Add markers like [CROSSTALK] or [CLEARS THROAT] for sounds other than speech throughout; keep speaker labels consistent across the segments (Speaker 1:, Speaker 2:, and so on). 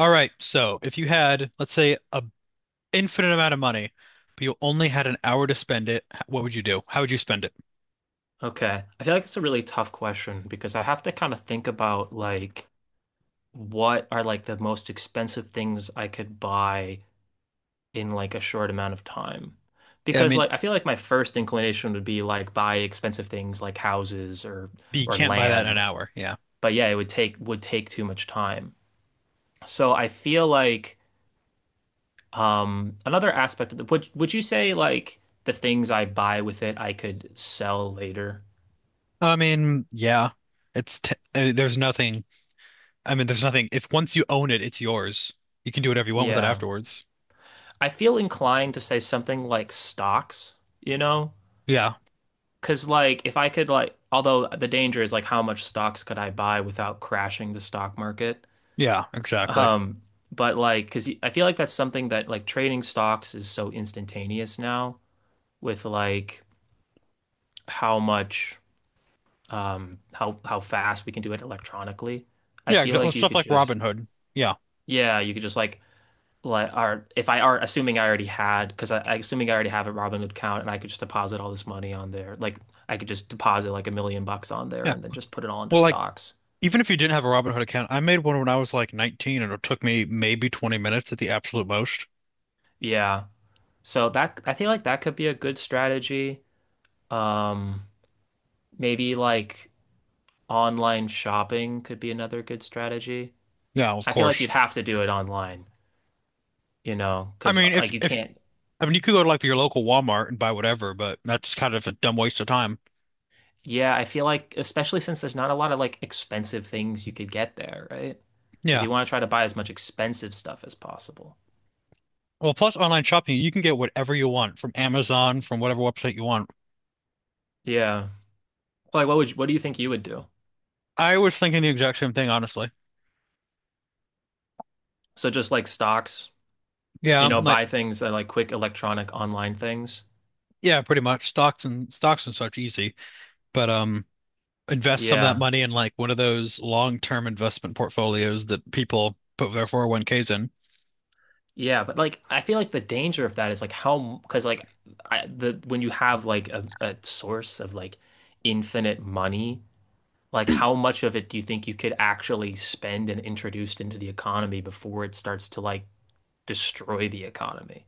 Speaker 1: All right, so if you had, let's say, a infinite amount of money, but you only had an hour to spend it, what would you do? How would you spend it?
Speaker 2: Okay. I feel like it's a really tough question because I have to kind of think about like what are like the most expensive things I could buy in like a short amount of time.
Speaker 1: Yeah, I
Speaker 2: Because
Speaker 1: mean,
Speaker 2: like I feel like my first inclination would be like buy expensive things like houses or
Speaker 1: you
Speaker 2: or
Speaker 1: can't buy that in an
Speaker 2: land.
Speaker 1: hour. Yeah.
Speaker 2: But yeah, it would take too much time. So I feel like another aspect of the would you say like the things I buy with it I could sell later?
Speaker 1: I mean, yeah. It's t There's nothing. I mean, there's nothing. If once you own it, it's yours. You can do whatever you want with it
Speaker 2: Yeah.
Speaker 1: afterwards.
Speaker 2: I feel inclined to say something like stocks, you know?
Speaker 1: Yeah.
Speaker 2: Because, like, if I could, like, although the danger is, like, how much stocks could I buy without crashing the stock market?
Speaker 1: Yeah, exactly.
Speaker 2: Um, but, like, because I feel like that's something that, like, trading stocks is so instantaneous now with, like, how much, how fast we can do it electronically. I
Speaker 1: Yeah,
Speaker 2: feel
Speaker 1: exactly.
Speaker 2: like
Speaker 1: Stuff like Robin Hood. Yeah.
Speaker 2: yeah, you could just, like are if I are assuming I already had because I assuming I already have a Robinhood account and I could just deposit all this money on there. Like I could just deposit like a million bucks on there
Speaker 1: Yeah.
Speaker 2: and then just put it all into
Speaker 1: Well, like
Speaker 2: stocks.
Speaker 1: even if you didn't have a Robin Hood account, I made one when I was like 19, and it took me maybe 20 minutes at the absolute most.
Speaker 2: Yeah. So that I feel like that could be a good strategy. Um, maybe like online shopping could be another good strategy.
Speaker 1: Yeah, of
Speaker 2: I feel like
Speaker 1: course.
Speaker 2: you'd have to do it online,
Speaker 1: I
Speaker 2: because
Speaker 1: mean, if
Speaker 2: like you
Speaker 1: if
Speaker 2: can't.
Speaker 1: I mean, you could go to like your local Walmart and buy whatever, but that's kind of a dumb waste of time.
Speaker 2: Yeah, I feel like especially since there's not a lot of like expensive things you could get there, right? Because
Speaker 1: Yeah.
Speaker 2: you want to try to buy as much expensive stuff as possible.
Speaker 1: Well, plus online shopping, you can get whatever you want from Amazon, from whatever website you want.
Speaker 2: Yeah. Like what do you think you would do?
Speaker 1: I was thinking the exact same thing, honestly.
Speaker 2: So just like stocks,
Speaker 1: Yeah, I'm like
Speaker 2: buy things that like quick electronic online things.
Speaker 1: yeah, pretty much stocks and stocks and such easy, but invest some of that
Speaker 2: Yeah.
Speaker 1: money in like one of those long-term investment portfolios that people put their 401(k)s in.
Speaker 2: Yeah, but like I feel like the danger of that is like how because like I, the when you have like a source of like infinite money, like how much of it do you think you could actually spend and introduced into the economy before it starts to like destroy the economy,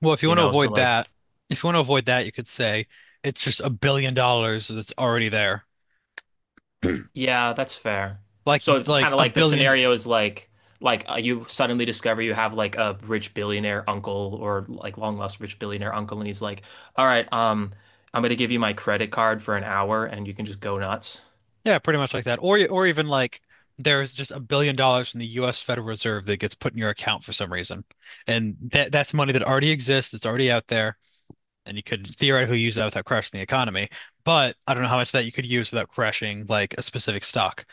Speaker 1: Well, if you
Speaker 2: you
Speaker 1: want to
Speaker 2: know? So
Speaker 1: avoid that,
Speaker 2: like,
Speaker 1: if you want to avoid that, you could say it's just $1 billion that's already there.
Speaker 2: yeah, that's fair.
Speaker 1: Like you-
Speaker 2: So
Speaker 1: like
Speaker 2: kind of
Speaker 1: a
Speaker 2: like the
Speaker 1: billion
Speaker 2: scenario is you suddenly discover you have like a rich billionaire uncle or like long lost rich billionaire uncle and he's like, "All right, I'm gonna give you my credit card for an hour and you can just go nuts."
Speaker 1: Yeah, pretty much like that. Or even like there's just $1 billion in the US Federal Reserve that gets put in your account for some reason. And that's money that already exists, that's already out there, and you could theoretically use that without crashing the economy. But I don't know how much of that you could use without crashing like a specific stock.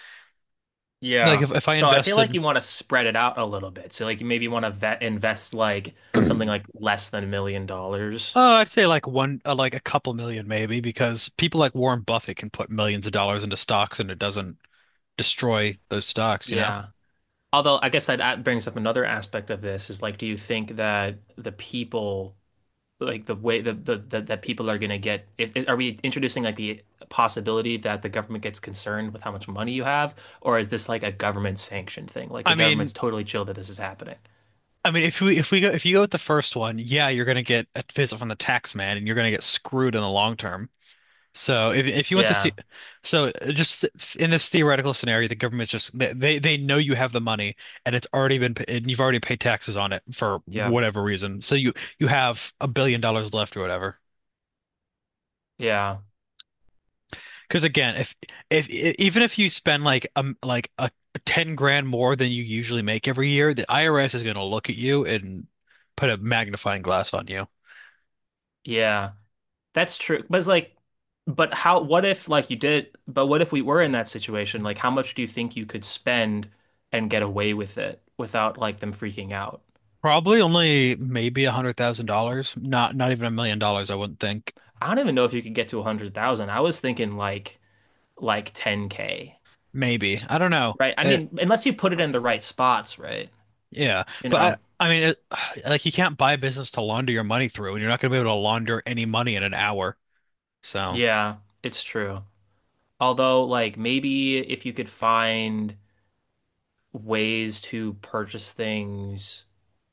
Speaker 1: Like
Speaker 2: Yeah.
Speaker 1: if, if I
Speaker 2: So I feel like
Speaker 1: invested
Speaker 2: you want to spread it out a little bit. So like you maybe want to vet invest like something
Speaker 1: [CLEARS THROAT]
Speaker 2: like less than $1 million.
Speaker 1: Oh, I'd say like a couple million maybe, because people like Warren Buffett can put millions of dollars into stocks, and it doesn't destroy those stocks, you know?
Speaker 2: Yeah. Although I guess that brings up another aspect of this is like, do you think that the people, like the way the that people are going to get, are we introducing like the possibility that the government gets concerned with how much money you have, or is this like a government sanctioned thing? Like the
Speaker 1: I mean,
Speaker 2: government's totally chill that this is happening.
Speaker 1: I mean, if you go with the first one, yeah, you're gonna get a visit from the tax man, and you're gonna get screwed in the long term. So if you want to see,
Speaker 2: Yeah,
Speaker 1: so just in this theoretical scenario, the government's just they know you have the money, and it's already been pa- and you've already paid taxes on it for
Speaker 2: yeah,
Speaker 1: whatever reason. So you have $1 billion left or whatever.
Speaker 2: yeah,
Speaker 1: Because again, if I- even if you spend like a 10 grand more than you usually make every year, the IRS is going to look at you and put a magnifying glass on you.
Speaker 2: yeah. That's true. But it's like, but how? What if like you did? But what if we were in that situation? Like, how much do you think you could spend and get away with it without like them freaking out?
Speaker 1: Probably only maybe $100,000, not even $1 million, I wouldn't think.
Speaker 2: I don't even know if you could get to 100,000. I was thinking like 10K,
Speaker 1: Maybe. I don't know.
Speaker 2: right? I mean, unless you put it in the right spots, right?
Speaker 1: Yeah,
Speaker 2: You know.
Speaker 1: but I, I mean, it, [SIGHS] like you can't buy a business to launder your money through, and you're not going to be able to launder any money in an hour. So
Speaker 2: Yeah, it's true. Although like maybe if you could find ways to purchase things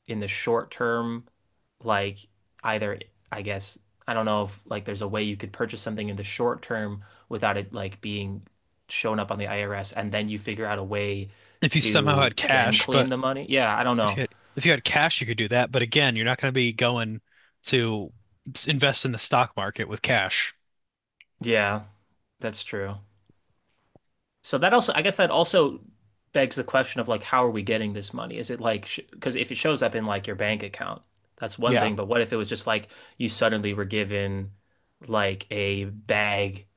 Speaker 2: in the short term, like either I guess I don't know if like there's a way you could purchase something in the short term without it like being shown up on the IRS and then you figure out a way
Speaker 1: if you somehow had
Speaker 2: to then
Speaker 1: cash,
Speaker 2: clean
Speaker 1: but
Speaker 2: the money. Yeah, I don't
Speaker 1: if you
Speaker 2: know.
Speaker 1: had, if you had cash, you could do that. But again, you're not going to be going to invest in the stock market with cash.
Speaker 2: Yeah, that's true. So that also, I guess that also begs the question of like, how are we getting this money? Is it like, because if it shows up in like your bank account, that's one
Speaker 1: Yeah,
Speaker 2: thing. But what if it was just like you suddenly were given like a bag,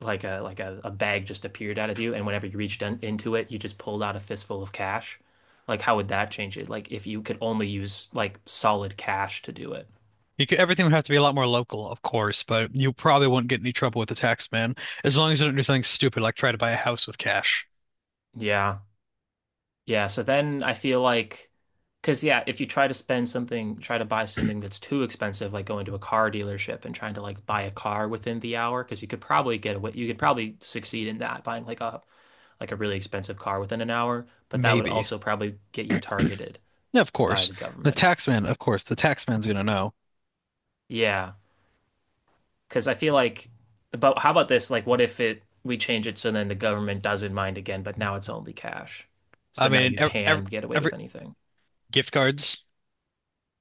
Speaker 2: like a bag just appeared out of you, and whenever you reached into it, you just pulled out a fistful of cash? Like, how would that change it? Like, if you could only use like solid cash to do it.
Speaker 1: you could, everything would have to be a lot more local, of course, but you probably wouldn't get any trouble with the tax man as long as you don't do something stupid like try to buy a house with cash.
Speaker 2: Yeah. Yeah, so then I feel like, because yeah, if you try to buy something that's too expensive, like going to a car dealership and trying to like buy a car within the hour, because you could probably you could probably succeed in that buying like a really expensive car within an hour, but that would
Speaker 1: Maybe.
Speaker 2: also probably get you targeted
Speaker 1: Yeah, of
Speaker 2: by
Speaker 1: course.
Speaker 2: the
Speaker 1: The
Speaker 2: government.
Speaker 1: tax man, of course, the tax man's going to know.
Speaker 2: Yeah, because I feel like, but how about this? Like, what if it we change it so then the government doesn't mind again, but now it's only cash,
Speaker 1: I
Speaker 2: so now
Speaker 1: mean,
Speaker 2: you
Speaker 1: ev
Speaker 2: can get away
Speaker 1: every,
Speaker 2: with anything.
Speaker 1: Gift cards.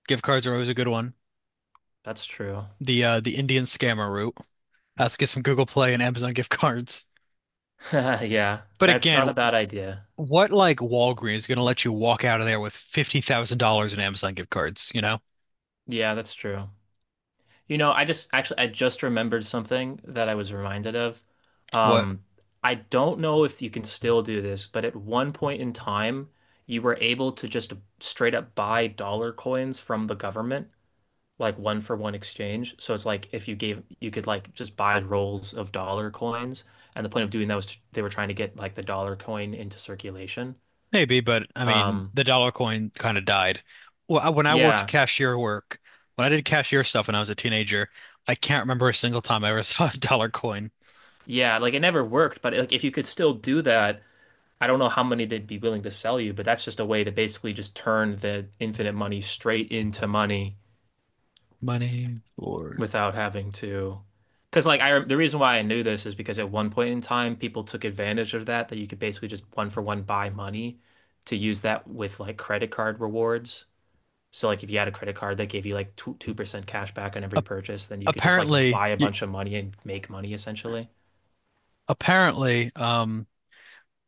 Speaker 1: Gift cards are always a good one.
Speaker 2: That's true.
Speaker 1: The Indian scammer route. Let's get some Google Play and Amazon gift cards.
Speaker 2: [LAUGHS] Yeah,
Speaker 1: But
Speaker 2: that's not
Speaker 1: again,
Speaker 2: a bad idea.
Speaker 1: what, like Walgreens is gonna let you walk out of there with $50,000 in Amazon gift cards, you know?
Speaker 2: Yeah, that's true. You know, I just remembered something that I was reminded of.
Speaker 1: What?
Speaker 2: Um, I don't know if you can still do this, but at one point in time, you were able to just straight up buy dollar coins from the government, like one for one exchange. So it's like if you gave you could like just buy rolls of dollar coins, and the point of doing that was they were trying to get like the dollar coin into circulation.
Speaker 1: Maybe, but I mean,
Speaker 2: Um,
Speaker 1: the dollar coin kind of died. Well, I- when I worked
Speaker 2: yeah.
Speaker 1: cashier work, when I did cashier stuff when I was a teenager, I can't remember a single time I ever [LAUGHS] saw a dollar coin.
Speaker 2: Yeah, like it never worked, but like if you could still do that, I don't know how many they'd be willing to sell you, but that's just a way to basically just turn the infinite money straight into money
Speaker 1: Money Lord.
Speaker 2: without having to. Because like the reason why I knew this is because at one point in time people took advantage of that that you could basically just one for one buy money to use that with like credit card rewards. So like if you had a credit card that gave you like two 2% cash back on every
Speaker 1: For
Speaker 2: purchase, then you could just like
Speaker 1: apparently,
Speaker 2: buy a
Speaker 1: y-
Speaker 2: bunch of money and make money essentially.
Speaker 1: apparently,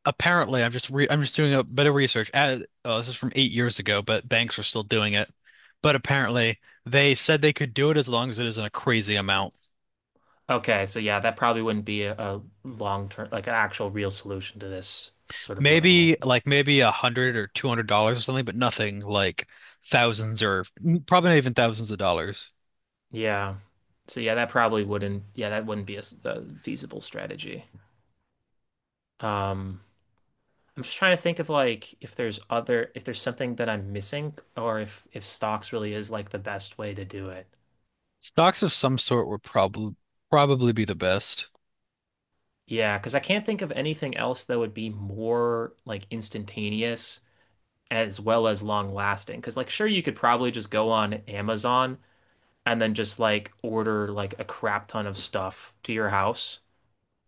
Speaker 1: Apparently, I'm just doing a bit of research. Oh, this is from 8 years ago, but banks are still doing it. But apparently, they said they could do it as long as it isn't a crazy amount.
Speaker 2: Okay, so yeah, that probably wouldn't be a long term, like an actual real solution to this sort of level.
Speaker 1: Maybe like maybe $100 or $200 or something, but nothing like thousands probably not even thousands of dollars.
Speaker 2: Yeah. So yeah, that probably wouldn't, yeah, that wouldn't be a, a feasible strategy. Um, I'm just trying to think of like if there's other, if there's something that I'm missing or if stocks really is like the best way to do it.
Speaker 1: Stocks of some sort would probably be the best.
Speaker 2: Yeah, because I can't think of anything else that would be more like instantaneous as well as long lasting. Because like sure, you could probably just go on Amazon and then just like order like a crap ton of stuff to your house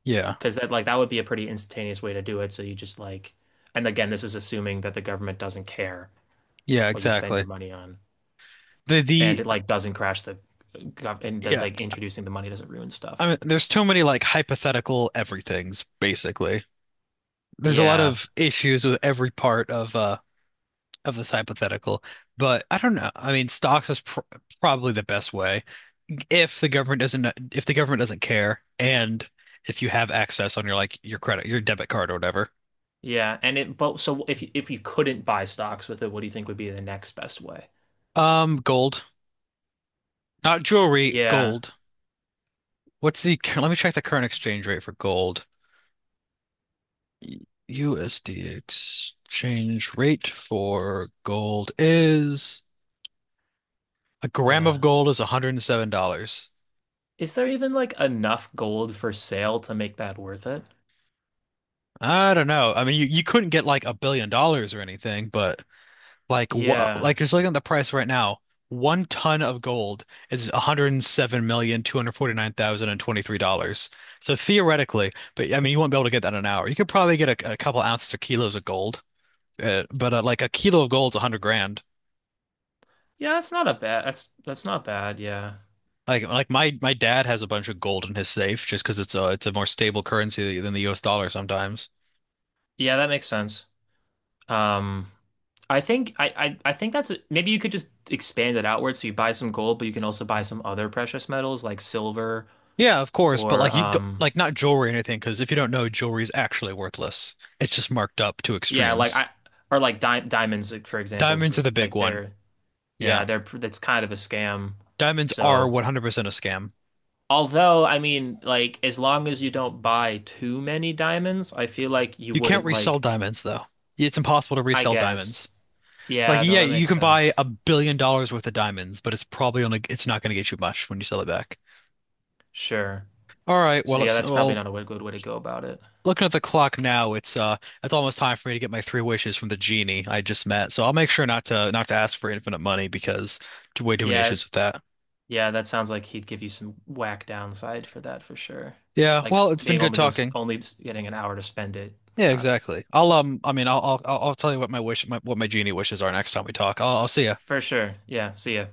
Speaker 1: Yeah,
Speaker 2: because that like that would be a pretty instantaneous way to do it. So you just like, and again, this is assuming that the government doesn't care
Speaker 1: yeah,
Speaker 2: what you spend
Speaker 1: exactly.
Speaker 2: your money on, and
Speaker 1: The
Speaker 2: it like doesn't crash the gov and that
Speaker 1: yeah,
Speaker 2: like introducing the money doesn't ruin
Speaker 1: I
Speaker 2: stuff.
Speaker 1: mean, there's too many like hypothetical everythings basically. There's a lot
Speaker 2: Yeah,
Speaker 1: of issues with every part of this hypothetical, but I don't know. I mean, stocks is pr probably the best way if the government doesn't, if the government doesn't care, and if you have access on your credit, your debit card or whatever.
Speaker 2: yeah, and it but so if if you couldn't buy stocks with it, what do you think would be the next best way?
Speaker 1: Gold, not jewelry,
Speaker 2: Yeah,
Speaker 1: gold. Let me check the current exchange rate for gold. USD exchange rate for gold is, a gram of
Speaker 2: yeah.
Speaker 1: gold is $107.
Speaker 2: Is there even like enough gold for sale to make that worth it?
Speaker 1: I don't know. I mean, you couldn't get like $1 billion or anything, but like what?
Speaker 2: Yeah.
Speaker 1: Like just looking at the price right now, one ton of gold is $107,249,023. So theoretically, but I mean, you won't be able to get that in an hour. You could probably get a couple ounces or kilos of gold, but like a kilo of gold's 100 grand.
Speaker 2: Yeah, that's not a bad. That's not bad. Yeah,
Speaker 1: My dad has a bunch of gold in his safe just because it's a more stable currency than the U.S. dollar sometimes.
Speaker 2: yeah, that makes sense. Um, I think I think that's a, maybe you could just expand it outward so you buy some gold, but you can also buy some other precious metals like silver
Speaker 1: Yeah, of course, but like
Speaker 2: or
Speaker 1: you don't, like not jewelry or anything because if you don't know, jewelry is actually worthless. It's just marked up to
Speaker 2: yeah like
Speaker 1: extremes.
Speaker 2: I or like di diamonds like, for example is
Speaker 1: Diamonds are the big
Speaker 2: like
Speaker 1: one.
Speaker 2: they're yeah,
Speaker 1: Yeah.
Speaker 2: they're that's kind of a scam.
Speaker 1: Diamonds are
Speaker 2: So
Speaker 1: 100% a scam.
Speaker 2: although I mean like as long as you don't buy too many diamonds, I feel like you
Speaker 1: You can't
Speaker 2: wouldn't
Speaker 1: resell
Speaker 2: like
Speaker 1: diamonds, though. It's impossible to
Speaker 2: I
Speaker 1: resell
Speaker 2: guess
Speaker 1: diamonds. Like,
Speaker 2: yeah no
Speaker 1: yeah,
Speaker 2: that
Speaker 1: you
Speaker 2: makes
Speaker 1: can buy
Speaker 2: sense.
Speaker 1: $1 billion worth of diamonds, but it's probably only, it's not going to get you much when you sell it back.
Speaker 2: Sure.
Speaker 1: All right,
Speaker 2: So
Speaker 1: well,
Speaker 2: yeah,
Speaker 1: it's
Speaker 2: that's probably
Speaker 1: well,
Speaker 2: not a good way to go about it.
Speaker 1: Looking at the clock now, it's almost time for me to get my three wishes from the genie I just met. So I'll make sure not to ask for infinite money because too- way too many
Speaker 2: Yeah,
Speaker 1: issues with that.
Speaker 2: yeah, that sounds like he'd give you some whack downside for that for sure.
Speaker 1: Yeah,
Speaker 2: Like
Speaker 1: well, it's been
Speaker 2: being
Speaker 1: good
Speaker 2: only just
Speaker 1: talking.
Speaker 2: only getting an hour to spend it.
Speaker 1: Yeah,
Speaker 2: Huh.
Speaker 1: exactly. I'll tell you what what my genie wishes are next time we talk. I'll see ya.
Speaker 2: For sure. Yeah, see ya.